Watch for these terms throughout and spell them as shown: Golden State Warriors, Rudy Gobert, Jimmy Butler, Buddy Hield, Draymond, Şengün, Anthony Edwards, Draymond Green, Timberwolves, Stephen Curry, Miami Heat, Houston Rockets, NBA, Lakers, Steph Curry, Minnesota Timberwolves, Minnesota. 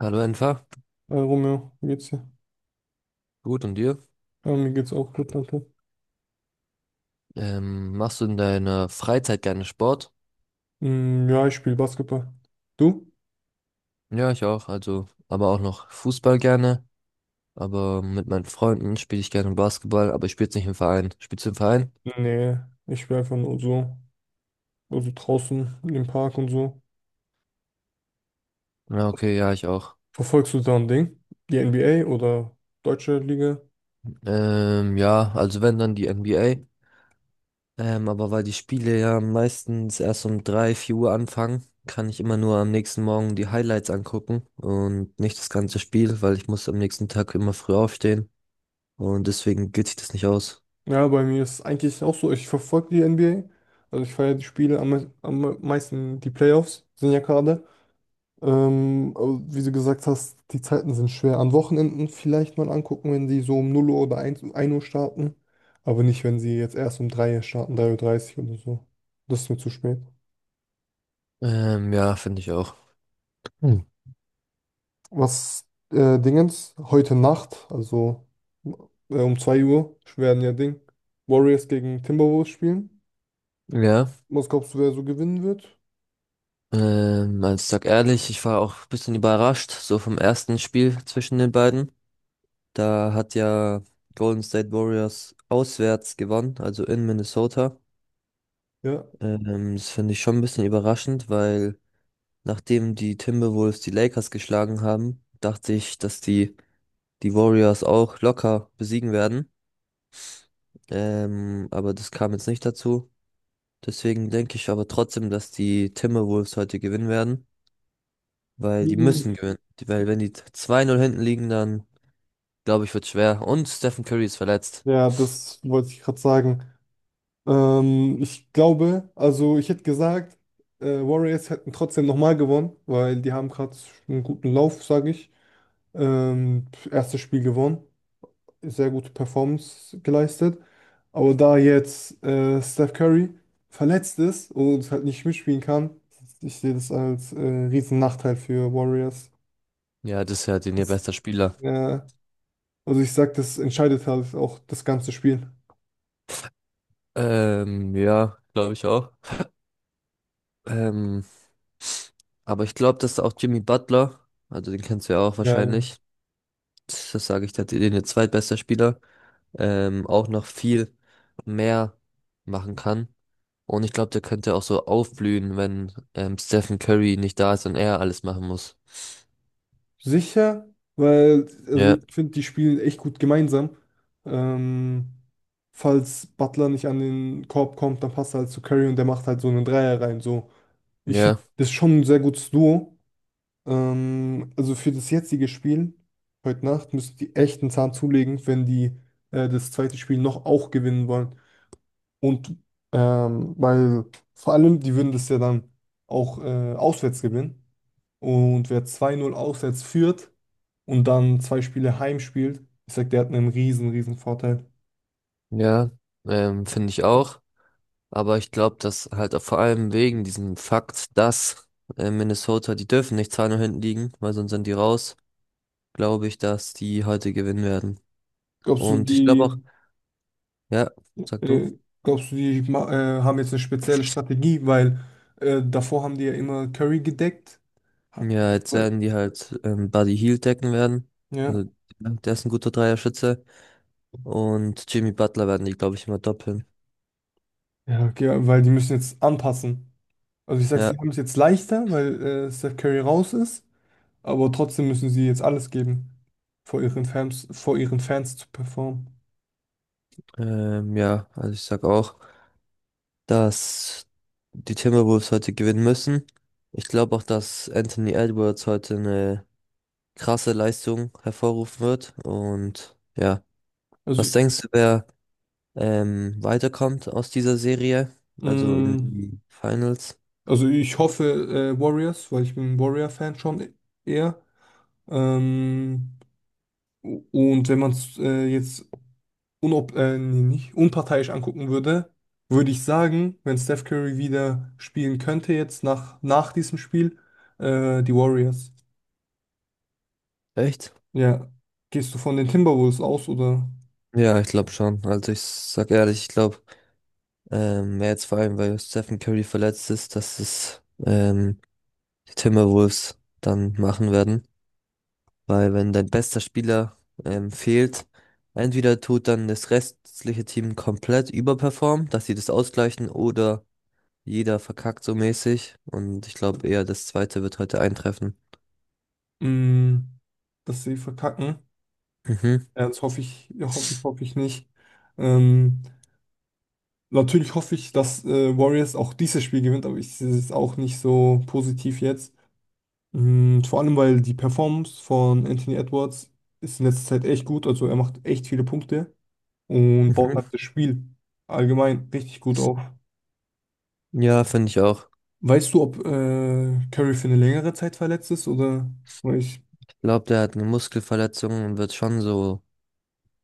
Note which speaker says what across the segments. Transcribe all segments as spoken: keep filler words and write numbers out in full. Speaker 1: Hallo einfach,
Speaker 2: Hi Romeo, wie geht's dir?
Speaker 1: gut und dir?
Speaker 2: Ja, mir geht's auch gut, danke.
Speaker 1: Ähm, machst du in deiner Freizeit gerne Sport?
Speaker 2: Mm, ja, ich spiele Basketball. Du?
Speaker 1: Ja, ich auch, also, aber auch noch Fußball gerne, aber mit meinen Freunden spiele ich gerne Basketball, aber ich spiele nicht im Verein. Spielst du im Verein?
Speaker 2: Nee, ich spiele einfach nur so. Also draußen im Park und so.
Speaker 1: Ja, okay, ja, ich auch.
Speaker 2: Verfolgst du da ein Ding? Die N B A oder deutsche Liga?
Speaker 1: Ähm, ja, also wenn dann die N B A. Ähm, aber weil die Spiele ja meistens erst um drei vier Uhr anfangen, kann ich immer nur am nächsten Morgen die Highlights angucken und nicht das ganze Spiel, weil ich muss am nächsten Tag immer früh aufstehen und deswegen geht sich das nicht aus.
Speaker 2: Ja, bei mir ist es eigentlich auch so. Ich verfolge die N B A. Also ich feiere die Spiele am, me- am meisten. Die Playoffs sind ja gerade. Ähm, aber wie du gesagt hast, die Zeiten sind schwer. An Wochenenden vielleicht mal angucken, wenn sie so um null Uhr oder eins um ein Uhr starten. Aber nicht, wenn sie jetzt erst um drei Uhr starten, drei Uhr dreißig oder so. Das ist mir zu spät.
Speaker 1: Ähm, ja, finde ich auch. Hm.
Speaker 2: Was äh, Dingens, heute Nacht, also äh, um zwei Uhr, werden ja Ding, Warriors gegen Timberwolves spielen.
Speaker 1: Ja,
Speaker 2: Was glaubst du, wer so gewinnen wird?
Speaker 1: ähm, also ich sag ehrlich, ich war auch ein bisschen überrascht, so vom ersten Spiel zwischen den beiden. Da hat ja Golden State Warriors auswärts gewonnen, also in Minnesota.
Speaker 2: Ja.
Speaker 1: Ähm, das finde ich schon ein bisschen überraschend, weil nachdem die Timberwolves die Lakers geschlagen haben, dachte ich, dass die, die Warriors auch locker besiegen werden. Ähm, aber das kam jetzt nicht dazu. Deswegen denke ich aber trotzdem, dass die Timberwolves heute gewinnen werden. Weil die
Speaker 2: Mhm.
Speaker 1: müssen gewinnen. Weil wenn die zwei null hinten liegen, dann glaube ich, wird schwer. Und Stephen Curry ist verletzt.
Speaker 2: Ja, das wollte ich gerade sagen. Ähm, ich glaube, also ich hätte gesagt, äh, Warriors hätten trotzdem nochmal gewonnen, weil die haben gerade einen guten Lauf, sage ich. Ähm, Erstes Spiel gewonnen, sehr gute Performance geleistet. Aber da jetzt äh, Steph Curry verletzt ist und halt nicht mitspielen kann, ich sehe das als äh, riesen Nachteil für Warriors.
Speaker 1: Ja, das ist ja den ihr
Speaker 2: Das,
Speaker 1: bester Spieler.
Speaker 2: äh, also ich sag, das entscheidet halt auch das ganze Spiel.
Speaker 1: Ähm, ja, glaube ich auch. Ähm, aber ich glaube, dass auch Jimmy Butler, also den kennst du ja auch
Speaker 2: Ja.
Speaker 1: wahrscheinlich, das sage ich, der den ihr zweitbester Spieler, ähm, auch noch viel mehr machen kann. Und ich glaube, der könnte auch so aufblühen, wenn ähm, Stephen Curry nicht da ist und er alles machen muss.
Speaker 2: Sicher, weil also
Speaker 1: Ja,
Speaker 2: ich finde, die spielen echt gut gemeinsam. Ähm, Falls Butler nicht an den Korb kommt, dann passt er halt zu Curry und der macht halt so einen Dreier rein. So. Ich finde,
Speaker 1: ja.
Speaker 2: das ist schon ein sehr gutes Duo. Ähm, also für das jetzige Spiel, heute Nacht, müssen die echt einen Zahn zulegen, wenn die äh, das zweite Spiel noch auch gewinnen wollen. Und ähm, weil vor allem, die würden das ja dann auch äh, auswärts gewinnen. Und wer zwei null auswärts führt, und dann zwei Spiele heim spielt, ich sag, der hat einen riesen, riesen Vorteil.
Speaker 1: Ja, ähm, finde ich auch. Aber ich glaube, dass halt auch vor allem wegen diesem Fakt, dass äh, Minnesota, die dürfen nicht zwei null hinten liegen, weil sonst sind die raus, glaube ich, dass die heute gewinnen werden.
Speaker 2: Glaubst du,
Speaker 1: Und ich glaube auch,
Speaker 2: die,
Speaker 1: ja, sag du.
Speaker 2: äh, Glaubst du, die ma- äh, haben jetzt eine spezielle Strategie, weil äh, davor haben die ja immer Curry gedeckt. Ha-
Speaker 1: Ja, jetzt
Speaker 2: Weil,
Speaker 1: werden die halt ähm, Buddy Hield decken werden. Also,
Speaker 2: ja,
Speaker 1: ja, der ist ein guter Dreierschütze. Und Jimmy Butler werden die, glaube ich, immer doppeln.
Speaker 2: ja, okay, weil die müssen jetzt anpassen. Also ich sag's,
Speaker 1: Ja,
Speaker 2: die haben es jetzt leichter, weil äh, Steph Curry raus ist, aber trotzdem müssen sie jetzt alles geben, vor ihren Fans, vor ihren Fans zu performen.
Speaker 1: ähm, ja, also ich sag auch, dass die Timberwolves heute gewinnen müssen. Ich glaube auch, dass Anthony Edwards heute eine krasse Leistung hervorrufen wird. Und ja,
Speaker 2: Also,
Speaker 1: was denkst du, wer ähm, weiterkommt aus dieser Serie? Also in
Speaker 2: mh,
Speaker 1: die Finals?
Speaker 2: also ich hoffe äh, Warriors, weil ich bin ein Warrior-Fan schon eher. Ähm, und wenn man es äh, jetzt unob äh, nee, nicht, unparteiisch angucken würde, würde ich sagen, wenn Steph Curry wieder spielen könnte jetzt nach, nach diesem Spiel, äh, die Warriors.
Speaker 1: Echt?
Speaker 2: Ja, gehst du von den Timberwolves aus oder
Speaker 1: Ja, ich glaube schon. Also ich sag ehrlich, ich glaube, ähm, wer jetzt vor allem, weil Stephen Curry verletzt ist, dass es ähm, die Timberwolves dann machen werden. Weil wenn dein bester Spieler ähm, fehlt, entweder tut dann das restliche Team komplett überperformen, dass sie das ausgleichen, oder jeder verkackt so mäßig. Und ich glaube eher, das zweite wird heute eintreffen.
Speaker 2: mh, dass sie verkacken?
Speaker 1: Mhm.
Speaker 2: Ja, das hoffe ich, ja, hoffe ich, hoffe ich nicht. Ähm, Natürlich hoffe ich, dass äh, Warriors auch dieses Spiel gewinnt, aber ich sehe es auch nicht so positiv jetzt. Mm, vor allem, weil die Performance von Anthony Edwards ist in letzter Zeit echt gut. Also er macht echt viele Punkte und baut
Speaker 1: Mhm.
Speaker 2: halt das Spiel allgemein richtig gut auf.
Speaker 1: Ja, finde ich auch.
Speaker 2: Weißt du, ob äh, Curry für eine längere Zeit verletzt ist oder oder ich.
Speaker 1: Ich glaube, der hat eine Muskelverletzung und wird schon so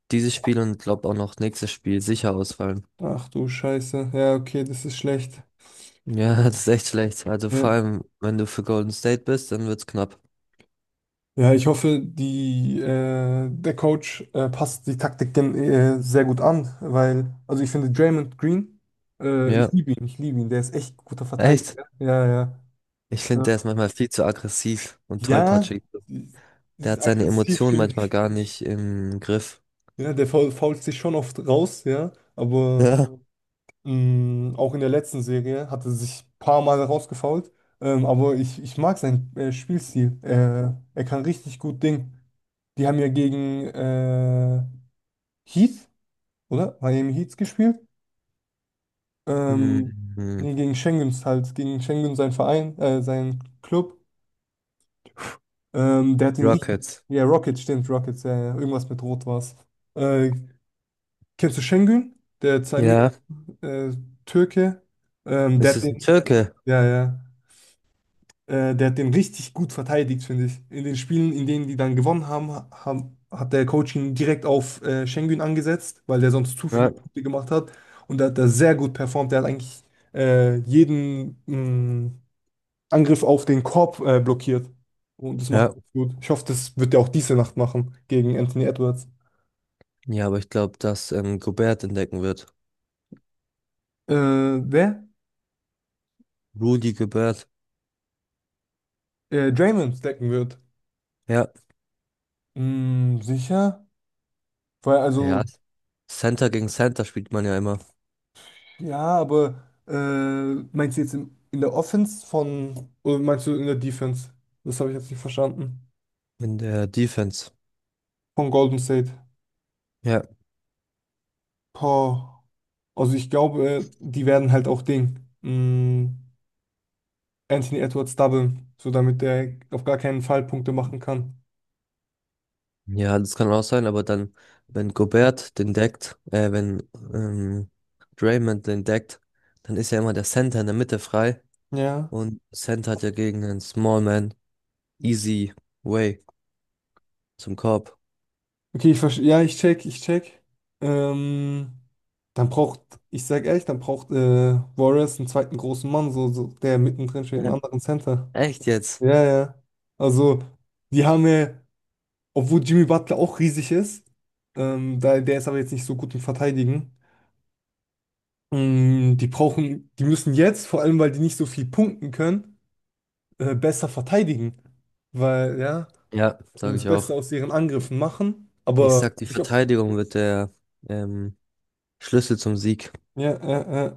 Speaker 1: dieses Spiel und glaube auch noch nächstes Spiel sicher ausfallen.
Speaker 2: Ach du Scheiße. Ja, okay, das ist schlecht.
Speaker 1: Ja, das ist echt schlecht. Also
Speaker 2: Ja,
Speaker 1: vor allem, wenn du für Golden State bist, dann wird's knapp.
Speaker 2: ja ich hoffe, die, äh, der Coach äh, passt die Taktik gen- äh, sehr gut an, weil, also ich finde Draymond Green, äh, ich
Speaker 1: Ja,
Speaker 2: liebe ihn, ich liebe ihn, der ist echt guter
Speaker 1: echt.
Speaker 2: Verteidiger. Ja, ja.
Speaker 1: Ich finde,
Speaker 2: Ja.
Speaker 1: der ist manchmal viel zu aggressiv und
Speaker 2: Ja,
Speaker 1: tollpatschig. Der
Speaker 2: ist
Speaker 1: hat seine
Speaker 2: aggressiv
Speaker 1: Emotionen
Speaker 2: stimmt.
Speaker 1: manchmal gar nicht im Griff.
Speaker 2: Ja, der faul- fault sich schon oft raus, ja. Aber
Speaker 1: Ja.
Speaker 2: mh, auch in der letzten Serie hat er sich ein paar Mal rausgefault. Ähm, aber ich, ich mag seinen äh, Spielstil. Er, er kann richtig gut Ding. Die haben ja gegen äh, Heat, oder? Miami Heat gespielt. Ähm,
Speaker 1: Mhm.
Speaker 2: nee, Gegen Schengens halt. Gegen Schengen, sein Verein, äh, sein Club. Ähm, der hat ihn richtig.
Speaker 1: Rockets.
Speaker 2: Ja, Rockets, stimmt, Rockets, ja, ja. Irgendwas mit Rot war's. Äh, Kennst du Şengün? Der Zamir,
Speaker 1: Ja,
Speaker 2: äh, Türke. Ähm, der
Speaker 1: ist
Speaker 2: hat
Speaker 1: es ein
Speaker 2: den,
Speaker 1: Türke?
Speaker 2: ja, ja. Äh, der hat den richtig gut verteidigt, finde ich. In den Spielen, in denen die dann gewonnen haben, ha- haben hat der Coach ihn direkt auf äh, Şengün angesetzt, weil der sonst zu viele
Speaker 1: Ja.
Speaker 2: Punkte gemacht hat. Und da hat er sehr gut performt. Der hat eigentlich äh, jeden mh, Angriff auf den Korb äh, blockiert. Und das macht er
Speaker 1: Ja,
Speaker 2: gut. Ich hoffe, das wird er auch diese Nacht machen gegen Anthony Edwards.
Speaker 1: ja, aber ich glaube, dass ähm, Gobert entdecken wird.
Speaker 2: Äh, wer?
Speaker 1: Rudy Gobert.
Speaker 2: Äh, Draymond stacken wird.
Speaker 1: Ja,
Speaker 2: Mm, sicher? Weil
Speaker 1: ja.
Speaker 2: also,
Speaker 1: Center gegen Center spielt man ja immer
Speaker 2: ja, aber äh, meinst du jetzt in, in der Offense von, oder meinst du in der Defense? Das habe ich jetzt nicht verstanden.
Speaker 1: in der Defense.
Speaker 2: Von Golden State.
Speaker 1: Ja,
Speaker 2: Boah. Also ich glaube, äh, die werden halt auch Ding. Mh, Anthony Edwards doublen, so damit der auf gar keinen Fall Punkte machen kann.
Speaker 1: ja, das kann auch sein, aber dann, wenn Gobert den deckt, äh, wenn ähm, Draymond den deckt, dann ist ja immer der Center in der Mitte frei
Speaker 2: Ja.
Speaker 1: und Center hat ja gegen einen Smallman Easy way zum Korb.
Speaker 2: Okay, ich verstehe. Ja, ich check, ich check. Ähm, dann braucht, Ich sag ehrlich, dann braucht äh, Warriors einen zweiten großen Mann, so, so der mittendrin steht, einen
Speaker 1: Ja.
Speaker 2: anderen Center.
Speaker 1: Echt jetzt?
Speaker 2: Ja, ja. Also, die haben ja, obwohl Jimmy Butler auch riesig ist, ähm, da, der ist aber jetzt nicht so gut im Verteidigen. Ähm, Die brauchen, die müssen jetzt, vor allem weil die nicht so viel punkten können, äh, besser verteidigen. Weil, ja,
Speaker 1: Ja,
Speaker 2: und
Speaker 1: sage
Speaker 2: das Ja, ja.
Speaker 1: ich
Speaker 2: Beste
Speaker 1: auch.
Speaker 2: aus ihren Angriffen machen, mhm,
Speaker 1: Ich
Speaker 2: aber
Speaker 1: sag, die
Speaker 2: sich auf.
Speaker 1: Verteidigung wird der ähm, Schlüssel zum Sieg.
Speaker 2: Ja, äh, äh,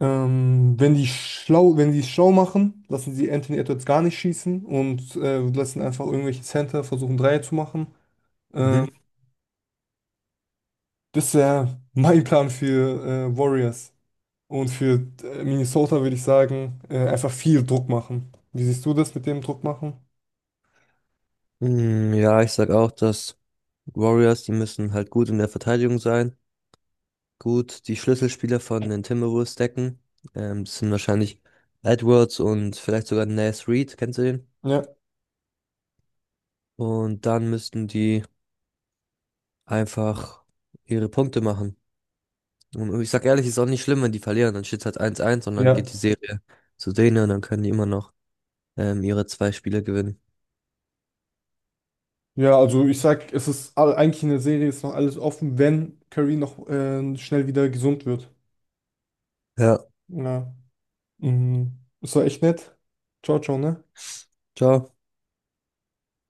Speaker 2: ähm, wenn die schlau, wenn die es schlau machen, lassen sie Anthony Edwards gar nicht schießen und äh, lassen einfach irgendwelche Center versuchen, Dreier zu machen.
Speaker 1: Mhm.
Speaker 2: Ähm, Das wäre mein Plan für äh, Warriors. Und für äh, Minnesota würde ich sagen, äh, einfach viel Druck machen. Wie siehst du das mit dem Druck machen?
Speaker 1: Mm, ja, ich sag auch, dass Warriors, die müssen halt gut in der Verteidigung sein. Gut, die Schlüsselspieler von den Timberwolves decken. Ähm, das sind wahrscheinlich Edwards und vielleicht sogar Naz Reid, kennst du den?
Speaker 2: Ja,
Speaker 1: Und dann müssten die einfach ihre Punkte machen. Und ich sag ehrlich, ist auch nicht schlimm, wenn die verlieren. Dann steht halt eins-eins, und dann geht die
Speaker 2: ja.
Speaker 1: Serie zu denen und dann können die immer noch ähm, ihre zwei Spiele gewinnen.
Speaker 2: Ja, also ich sag, es ist all- eigentlich in der Serie ist noch alles offen, wenn Curry noch äh, schnell wieder gesund wird.
Speaker 1: Ja,
Speaker 2: Ja. Mhm. Das war echt nett. Ciao, ciao, ne?
Speaker 1: ciao.